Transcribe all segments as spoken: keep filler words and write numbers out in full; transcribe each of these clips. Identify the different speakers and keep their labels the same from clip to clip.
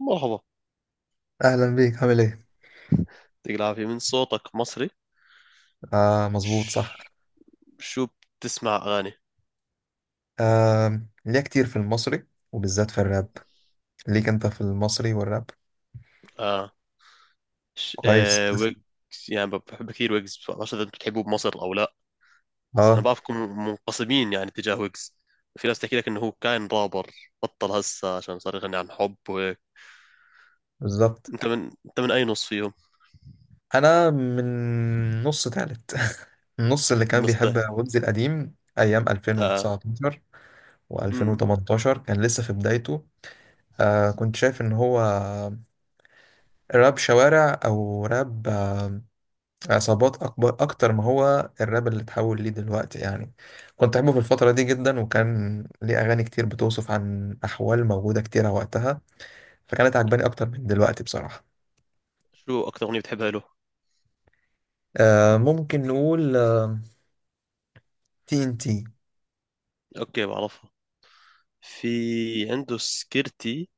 Speaker 1: مرحبا.
Speaker 2: اهلا بيك، عامل ايه؟
Speaker 1: يعطيك العافية، من صوتك مصري.
Speaker 2: آه مظبوط، صح.
Speaker 1: ش- شو، بتسمع أغاني؟
Speaker 2: آه، ليا كتير في المصري، وبالذات في الراب. ليك انت في المصري والراب.
Speaker 1: آه, ش...
Speaker 2: كويس.
Speaker 1: آه ويجز. يعني ب- بحب كثير ويجز، ما بعرف إذا أنتم بتحبوه بمصر أو لا. بس أنا
Speaker 2: اه،
Speaker 1: بعرفكم منقسمين يعني تجاه ويجز. في ناس تحكي لك إنه هو كان رابر، بطل هسه عشان صار يغني عن حب وهيك.
Speaker 2: بالظبط.
Speaker 1: أنت من أنت من أي نص فيهم؟
Speaker 2: انا من نص تالت. النص اللي
Speaker 1: من
Speaker 2: كان
Speaker 1: نص ده.
Speaker 2: بيحب ويجز القديم ايام
Speaker 1: آه،
Speaker 2: ألفين وتسعتاشر
Speaker 1: مم.
Speaker 2: وألفين وتمنتاشر، كان لسه في بدايته. آه كنت شايف ان هو راب شوارع او راب عصابات، أكبر أكتر ما هو الراب اللي اتحول ليه دلوقتي يعني. كنت أحبه في الفترة دي جدا، وكان ليه أغاني كتير بتوصف عن أحوال موجودة كتيرة وقتها، فكانت عجباني أكتر من دلوقتي بصراحة.
Speaker 1: شو أكثر أغنية بتحبها له؟
Speaker 2: آه، ممكن نقول آه تي إن تي.
Speaker 1: أوكي، بعرفها. في، عنده سكرتي،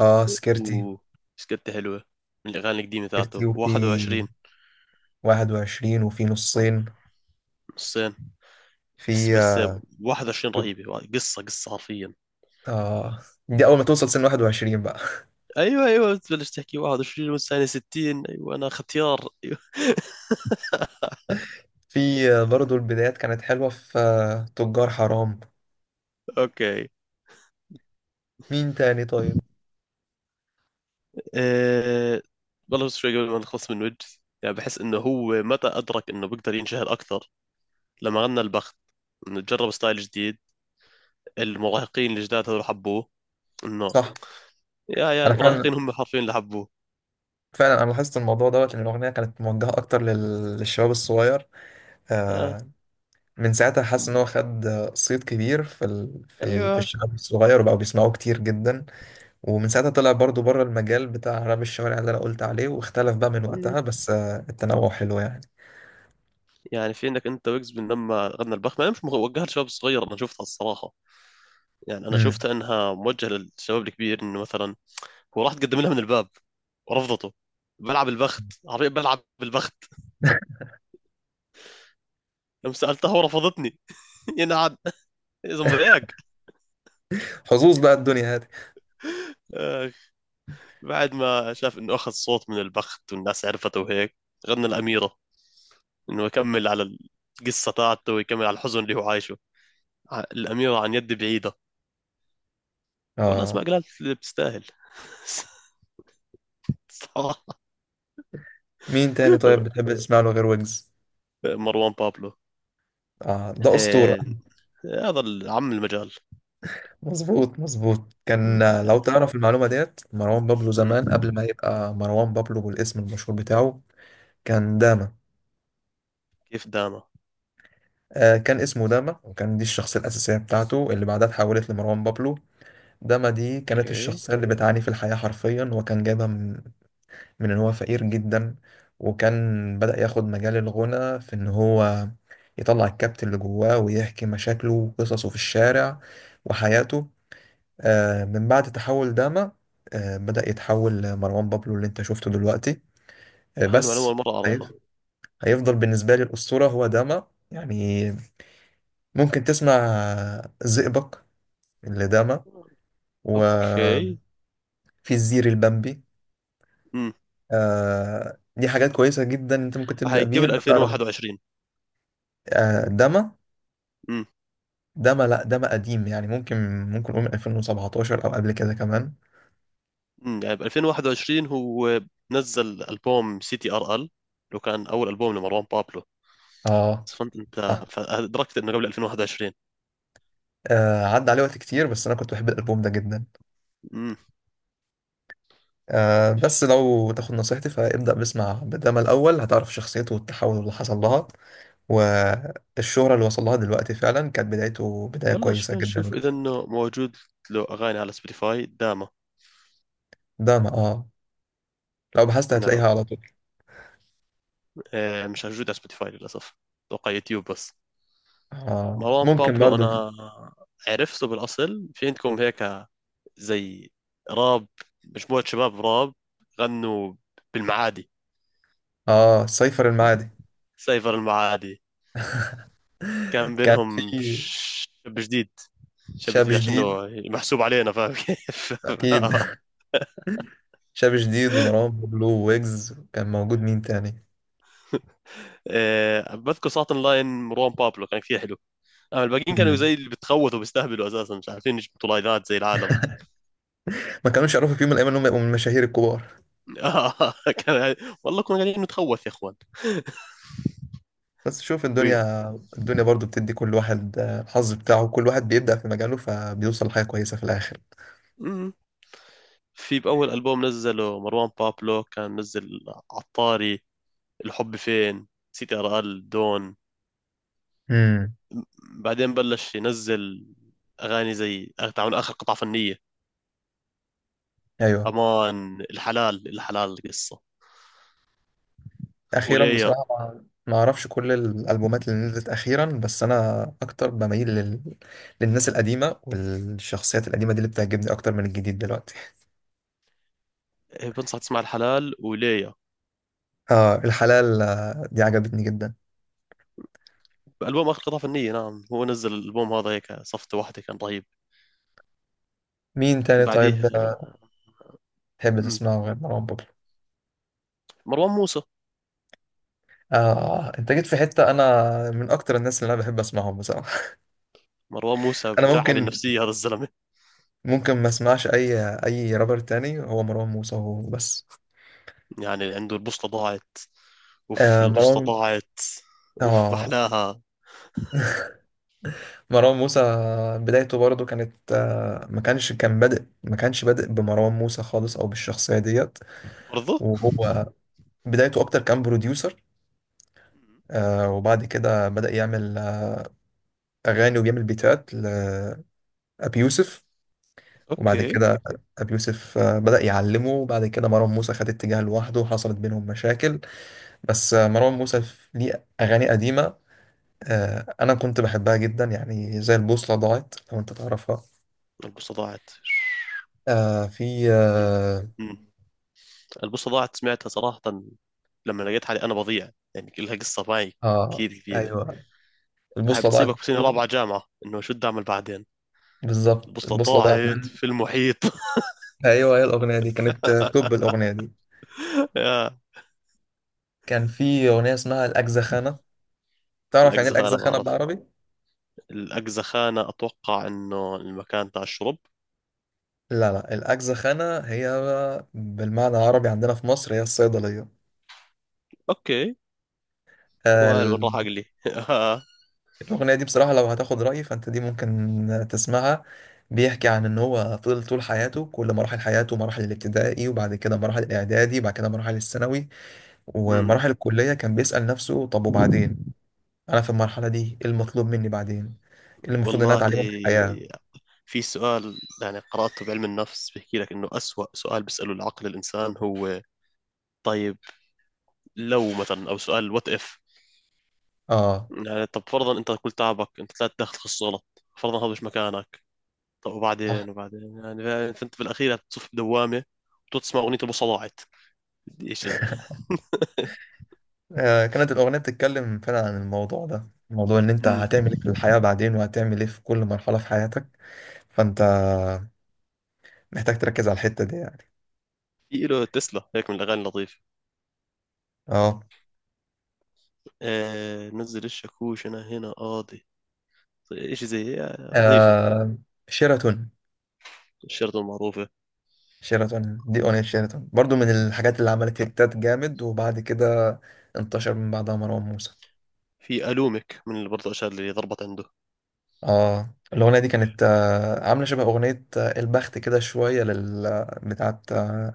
Speaker 2: آه، سكرتي.
Speaker 1: و سكرتي حلوة، من الأغاني القديمة
Speaker 2: سكرتي،
Speaker 1: تاعته
Speaker 2: وفي
Speaker 1: واحد وعشرين.
Speaker 2: واحد وعشرين، وفي نصين.
Speaker 1: الصين. بس
Speaker 2: في
Speaker 1: بس،
Speaker 2: آه
Speaker 1: واحد وعشرين رهيبة، قصة قصة حرفيا.
Speaker 2: آه، دي أول ما توصل سن واحد وعشرين بقى.
Speaker 1: ايوه ايوه، تبلش تحكي واحد وعشرين والثانية ستين. ايوه، انا ختيار. أيوة.
Speaker 2: في آه برضو البدايات كانت حلوة، في آه تجار حرام.
Speaker 1: اوكي.
Speaker 2: مين تاني طيب؟
Speaker 1: أه... والله، بس شوي قبل ما نخلص من وجز، يعني بحس انه هو متى ادرك انه بيقدر ينشهر اكثر؟ لما غنى البخت، انه جرب ستايل جديد. المراهقين الجداد هذول حبوه. انه،
Speaker 2: صح.
Speaker 1: يا يا
Speaker 2: أنا
Speaker 1: المراهقين
Speaker 2: فعلا
Speaker 1: هم حرفيا اللي حبوه.
Speaker 2: فعلا انا لاحظت الموضوع دوت، ان الاغنيه كانت موجهه اكتر لل- للشباب الصغير. آه،
Speaker 1: آه.
Speaker 2: من ساعتها حاسس ان هو خد آه، صيت كبير في ال... في ال... في
Speaker 1: ايوه.
Speaker 2: الشباب الصغير، وبقوا بيسمعوه كتير جدا. ومن ساعتها طلع برضو بره المجال بتاع راب الشوارع اللي انا قلت عليه، واختلف بقى من
Speaker 1: مم.
Speaker 2: وقتها، بس آه، التنوع حلو يعني.
Speaker 1: يعني في عندك انت ويجز، من لما غنى البخت ما مش وجهها لشباب صغير، انا شفتها الصراحة. يعني انا
Speaker 2: مم.
Speaker 1: شفت انها موجهه للشباب الكبير، انه مثلا هو راح تقدم لها من الباب ورفضته. بلعب البخت، عربية بلعب بالبخت، لما سألتها ورفضتني. ينعاد يا زنبرياك.
Speaker 2: حظوظ بقى الدنيا هذه.
Speaker 1: آه، بعد ما شاف انه اخذ صوت من البخت والناس عرفته وهيك، غنى الأميرة، انه يكمل على القصة تاعته، ويكمل على الحزن اللي هو عايشه. ع- الأميرة عن يد بعيدة. والله، اسمع
Speaker 2: اه.
Speaker 1: قالت اللي بتستاهل. صراحة.
Speaker 2: مين تاني طيب بتحب تسمع له غير ويجز؟
Speaker 1: مروان بابلو.
Speaker 2: آه، ده اسطوره.
Speaker 1: آه، هذا العم المجال.
Speaker 2: مظبوط مظبوط، كان، لو تعرف المعلومة ديت، مروان بابلو
Speaker 1: مم.
Speaker 2: زمان قبل ما يبقى مروان بابلو بالاسم المشهور بتاعه،
Speaker 1: مم.
Speaker 2: كان داما.
Speaker 1: كيف داما؟
Speaker 2: آه كان اسمه داما، وكان دي الشخصية الأساسية بتاعته اللي بعدها اتحولت لمروان بابلو. داما دي كانت
Speaker 1: اوكي.
Speaker 2: الشخصية اللي بتعاني في الحياة حرفيا، وكان جايبها من, من إن هو فقير جدا، وكان بدأ ياخد مجال الغنى في إن هو يطلع الكبت اللي جواه، ويحكي مشاكله وقصصه في الشارع وحياته. آه، من بعد تحول داما، آه، بدأ يتحول مروان بابلو اللي انت شفته دلوقتي. آه،
Speaker 1: هاي المعلومة
Speaker 2: بس.
Speaker 1: أول مرة أعرفها.
Speaker 2: هيف- هيفضل بالنسبة لي الأسطورة هو داما يعني. ممكن تسمع آه، زئبق اللي داما،
Speaker 1: اوكي.
Speaker 2: وفي الزير البمبي.
Speaker 1: امم
Speaker 2: آه، دي حاجات كويسة جدا، انت ممكن تبدأ
Speaker 1: هاي
Speaker 2: بيها
Speaker 1: قبل
Speaker 2: بتعرف.
Speaker 1: ألفين وواحد وعشرين؟
Speaker 2: آه، داما.
Speaker 1: امم
Speaker 2: داما، لا، داما قديم يعني، ممكن ممكن نقول من ألفين وسبعة عشر او قبل كده كمان.
Speaker 1: امم يعني، ب ألفين وواحد وعشرين هو نزل ألبوم سي تي ار ال، لو كان أول ألبوم لمروان بابلو.
Speaker 2: اه،
Speaker 1: بس فهمت أنت.
Speaker 2: صح.
Speaker 1: فأدركت إنه قبل ألفين وواحد وعشرين.
Speaker 2: آه، عدى عليه وقت كتير، بس انا كنت بحب الالبوم ده جدا.
Speaker 1: امم
Speaker 2: آه، بس لو تاخد نصيحتي فابدأ باسمع بداما الأول، هتعرف شخصيته والتحول اللي حصل لها، والشهرة اللي وصل لها دلوقتي. فعلا كانت بدايته بداية
Speaker 1: والله،
Speaker 2: كويسة
Speaker 1: شوف
Speaker 2: جدا.
Speaker 1: نشوف إذا إنه موجود له أغاني على سبوتيفاي داما.
Speaker 2: بداما، اه، لو بحثت
Speaker 1: نعم.
Speaker 2: هتلاقيها على طول.
Speaker 1: آه، مش موجود على سبوتيفاي للأسف. أتوقع يوتيوب بس.
Speaker 2: آه.
Speaker 1: مروان
Speaker 2: ممكن
Speaker 1: بابلو،
Speaker 2: برضو.
Speaker 1: أنا عرفته بالأصل في عندكم هيك، زي راب، مجموعة شباب راب غنوا بالمعادي.
Speaker 2: اه، سيفر المعادي.
Speaker 1: سايفر المعادي. كان
Speaker 2: كان
Speaker 1: بينهم
Speaker 2: في
Speaker 1: شاب جديد. شاب
Speaker 2: شاب
Speaker 1: جديد عشان
Speaker 2: جديد،
Speaker 1: هو محسوب علينا، فاهم كيف؟
Speaker 2: أكيد. شاب جديد، ومروان بابلو، ويجز كان موجود، مين تاني؟
Speaker 1: إيه، بذكر ساعة لاين مروان بابلو كان كثير حلو. أما الباقيين كانوا
Speaker 2: مم.
Speaker 1: زي اللي بتخوتوا بيستهبلوا، أساسا مش عارفين يجبطوا لايفات زي العالم.
Speaker 2: ما كانوش يعرفوا في يوم من الأيام إنهم يبقوا من المشاهير الكبار.
Speaker 1: آه، كان يعني، والله كنا قاعدين نتخوث يا إخوان.
Speaker 2: بس شوف
Speaker 1: و-
Speaker 2: الدنيا. الدنيا برضو بتدي كل واحد آه، الحظ بتاعه. كل واحد بيبدأ في مجاله فبيوصل لحاجة كويسة في الآخر.
Speaker 1: مم. في بأول ألبوم نزله مروان بابلو كان نزل عطاري، الحب فين، سي تي ال دون.
Speaker 2: امم.
Speaker 1: بعدين بلش ينزل اغاني زي تعمل اخر قطعه فنيه.
Speaker 2: أيوه.
Speaker 1: امان. الحلال الحلال القصه.
Speaker 2: أخيرا
Speaker 1: وليا.
Speaker 2: بصراحة ما ما أعرفش كل الألبومات اللي نزلت أخيرا، بس أنا أكتر بميل لل... للناس القديمة، والشخصيات القديمة دي اللي بتعجبني أكتر من الجديد دلوقتي.
Speaker 1: إيه، بنصح تسمع الحلال، وليا.
Speaker 2: آه، الحلال، آه، دي عجبتني جدا.
Speaker 1: البوم اخر قطعه فنيه، نعم هو نزل الالبوم هذا هيك، صفته واحده، كان رهيب.
Speaker 2: مين تاني
Speaker 1: بعديه
Speaker 2: طيب آه،
Speaker 1: آه،
Speaker 2: تحب
Speaker 1: مم،
Speaker 2: تسمعه غير مروان بابلو؟
Speaker 1: مروان موسى.
Speaker 2: آه، أنت جيت في حتة. أنا من أكتر الناس اللي أنا بحب أسمعهم بصراحة.
Speaker 1: مروان موسى
Speaker 2: أنا
Speaker 1: بتلعب
Speaker 2: ممكن
Speaker 1: النفسيه هذا الزلمه.
Speaker 2: ممكن ما اسمعش اي اي رابر تاني، هو مروان موسى هو بس.
Speaker 1: يعني عنده البوصله ضاعت. اوف،
Speaker 2: آه،
Speaker 1: البوصله
Speaker 2: مروان.
Speaker 1: ضاعت. اوف،
Speaker 2: اه.
Speaker 1: محلاها.
Speaker 2: مروان موسى بدايته برضو كانت آه، ما كانش كان بادئ ما كانش بادئ بمروان موسى خالص، او بالشخصية ديت.
Speaker 1: برضه.
Speaker 2: وهو بدايته اكتر كان بروديوسر. آه، وبعد كده بدأ يعمل آه، اغاني، وبيعمل بيتات لابي يوسف. وبعد
Speaker 1: اوكي.
Speaker 2: كده ابي يوسف آه، بدأ يعلمه. وبعد كده مروان موسى خد اتجاه لوحده، وحصلت بينهم مشاكل. بس آه، مروان موسى ليه اغاني قديمة آه، انا كنت بحبها جدا، يعني زي البوصله ضاعت لو انت تعرفها.
Speaker 1: البوصله ضاعت.
Speaker 2: آه في
Speaker 1: مم.
Speaker 2: اه,
Speaker 1: مم. البوصة ضاعت، سمعتها صراحة. لما لقيت حالي أنا بضيع، يعني لها قصة معي
Speaker 2: آه،
Speaker 1: كثير كبيرة.
Speaker 2: ايوه،
Speaker 1: هاي
Speaker 2: البوصله ضاعت
Speaker 1: بتصيبك في سنة
Speaker 2: منه.
Speaker 1: رابعة جامعة، إنه شو بدي أعمل بعدين؟
Speaker 2: بالظبط،
Speaker 1: البوصلة
Speaker 2: البوصله ضاعت
Speaker 1: ضاعت
Speaker 2: منه.
Speaker 1: في المحيط.
Speaker 2: ايوه، هي الاغنيه دي كانت آه، توب الاغنيه دي.
Speaker 1: يا.
Speaker 2: كان في اغنيه اسمها الاجزخانه. تعرف يعني ايه
Speaker 1: الأقزخانة،
Speaker 2: الاجزخانه
Speaker 1: بعرف.
Speaker 2: بالعربي؟
Speaker 1: الأقزخانة أتوقع إنه المكان تاع الشرب.
Speaker 2: لا لا، الاجزخانه هي بالمعنى العربي عندنا في مصر هي الصيدليه.
Speaker 1: أوكي. وهل
Speaker 2: آه،
Speaker 1: وين راح أقلي.
Speaker 2: الأغنية دي بصراحة لو هتاخد رأيي فأنت دي ممكن تسمعها. بيحكي عن إن هو فضل طول حياته، كل مراحل حياته، مراحل الابتدائي وبعد كده مراحل الإعدادي وبعد كده مراحل الثانوي
Speaker 1: أمم.
Speaker 2: ومراحل الكلية، كان بيسأل نفسه طب وبعدين؟ أنا في المرحلة دي إيه المطلوب مني بعدين؟ إيه اللي المفروض إن أنا
Speaker 1: والله،
Speaker 2: أتعلمه من الحياة؟
Speaker 1: في سؤال يعني قرأته بعلم النفس، بيحكي لك إنه أسوأ سؤال بيسأله العقل الإنسان هو طيب، لو مثلا، أو سؤال وات إف.
Speaker 2: آه،
Speaker 1: يعني، طب فرضا انت كل تعبك انت طلعت داخل تخصص غلط، فرضا هذا مش مكانك. طب،
Speaker 2: صح.
Speaker 1: وبعدين وبعدين؟ يعني فا- فانت في الاخير تصف بدوامه. وتسمع اغنيه البوصه ضاعت. بدي ايش يا زلمه؟
Speaker 2: آه، كانت الأغنية بتتكلم فعلا عن الموضوع ده، موضوع إن أنت
Speaker 1: أمم.
Speaker 2: هتعمل إيه في الحياة بعدين، وهتعمل إيه في كل مرحلة في حياتك. فأنت محتاج تركز على الحتة دي يعني.
Speaker 1: في له تسلا هيك من الاغاني اللطيفه.
Speaker 2: آه.
Speaker 1: آه، نزل الشاكوش، انا هنا قاضي. ايش زي آه، لطيفه.
Speaker 2: آه، شيراتون.
Speaker 1: الشرطه المعروفه.
Speaker 2: شيراتون، دي أغنية شيراتون برضو من الحاجات اللي عملت هيتات جامد، وبعد كده انتشر من بعدها مروان موسى.
Speaker 1: في الومك، من اللي برضه الاشياء اللي ضربت عنده.
Speaker 2: اه، الأغنية دي كانت آه، عاملة شبه أغنية آه، البخت، كده شوية لل آه، بتاعت آه،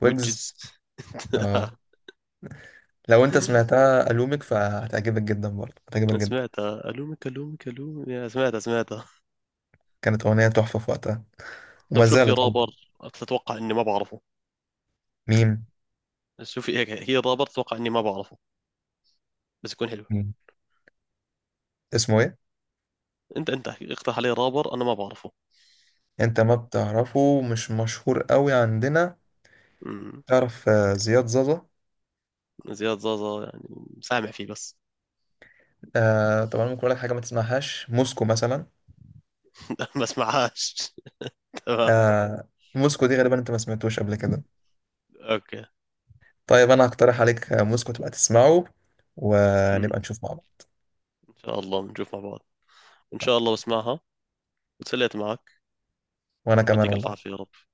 Speaker 2: ويجز.
Speaker 1: وجز.
Speaker 2: اه، لو انت سمعتها ألومك فهتعجبك جدا، برضه هتعجبك جدا.
Speaker 1: سمعتها الومك الومك الومك، يا، سمعتها سمعتها.
Speaker 2: كانت أغنية تحفة في وقتها،
Speaker 1: طب،
Speaker 2: وما
Speaker 1: شوف في
Speaker 2: زالت والله.
Speaker 1: رابر تتوقع اني ما بعرفه؟
Speaker 2: ميم.
Speaker 1: شوفي هيك، هي رابر اتوقع اني ما بعرفه، بس يكون حلو.
Speaker 2: ميم، اسمه ايه؟
Speaker 1: انت انت اقترح علي رابر انا ما بعرفه.
Speaker 2: انت ما بتعرفه، مش مشهور قوي عندنا.
Speaker 1: امم.
Speaker 2: تعرف آه، زياد زازا؟
Speaker 1: زياد زازا، يعني سامع فيه بس.
Speaker 2: آه طبعا، ممكن اقول لك حاجه ما تسمعهاش، موسكو مثلا.
Speaker 1: ما اسمعهاش، تمام.
Speaker 2: آه، موسكو دي غالبا انت ما سمعتوش قبل كده.
Speaker 1: اوكي.
Speaker 2: طيب انا هقترح عليك آه، موسكو تبقى تسمعه،
Speaker 1: امم.
Speaker 2: ونبقى نشوف مع بعض.
Speaker 1: ان شاء الله بنشوف مع بعض. ان شاء الله بسمعها، وتسليت معك.
Speaker 2: وانا كمان
Speaker 1: يعطيك الف
Speaker 2: والله.
Speaker 1: عافيه يا رب.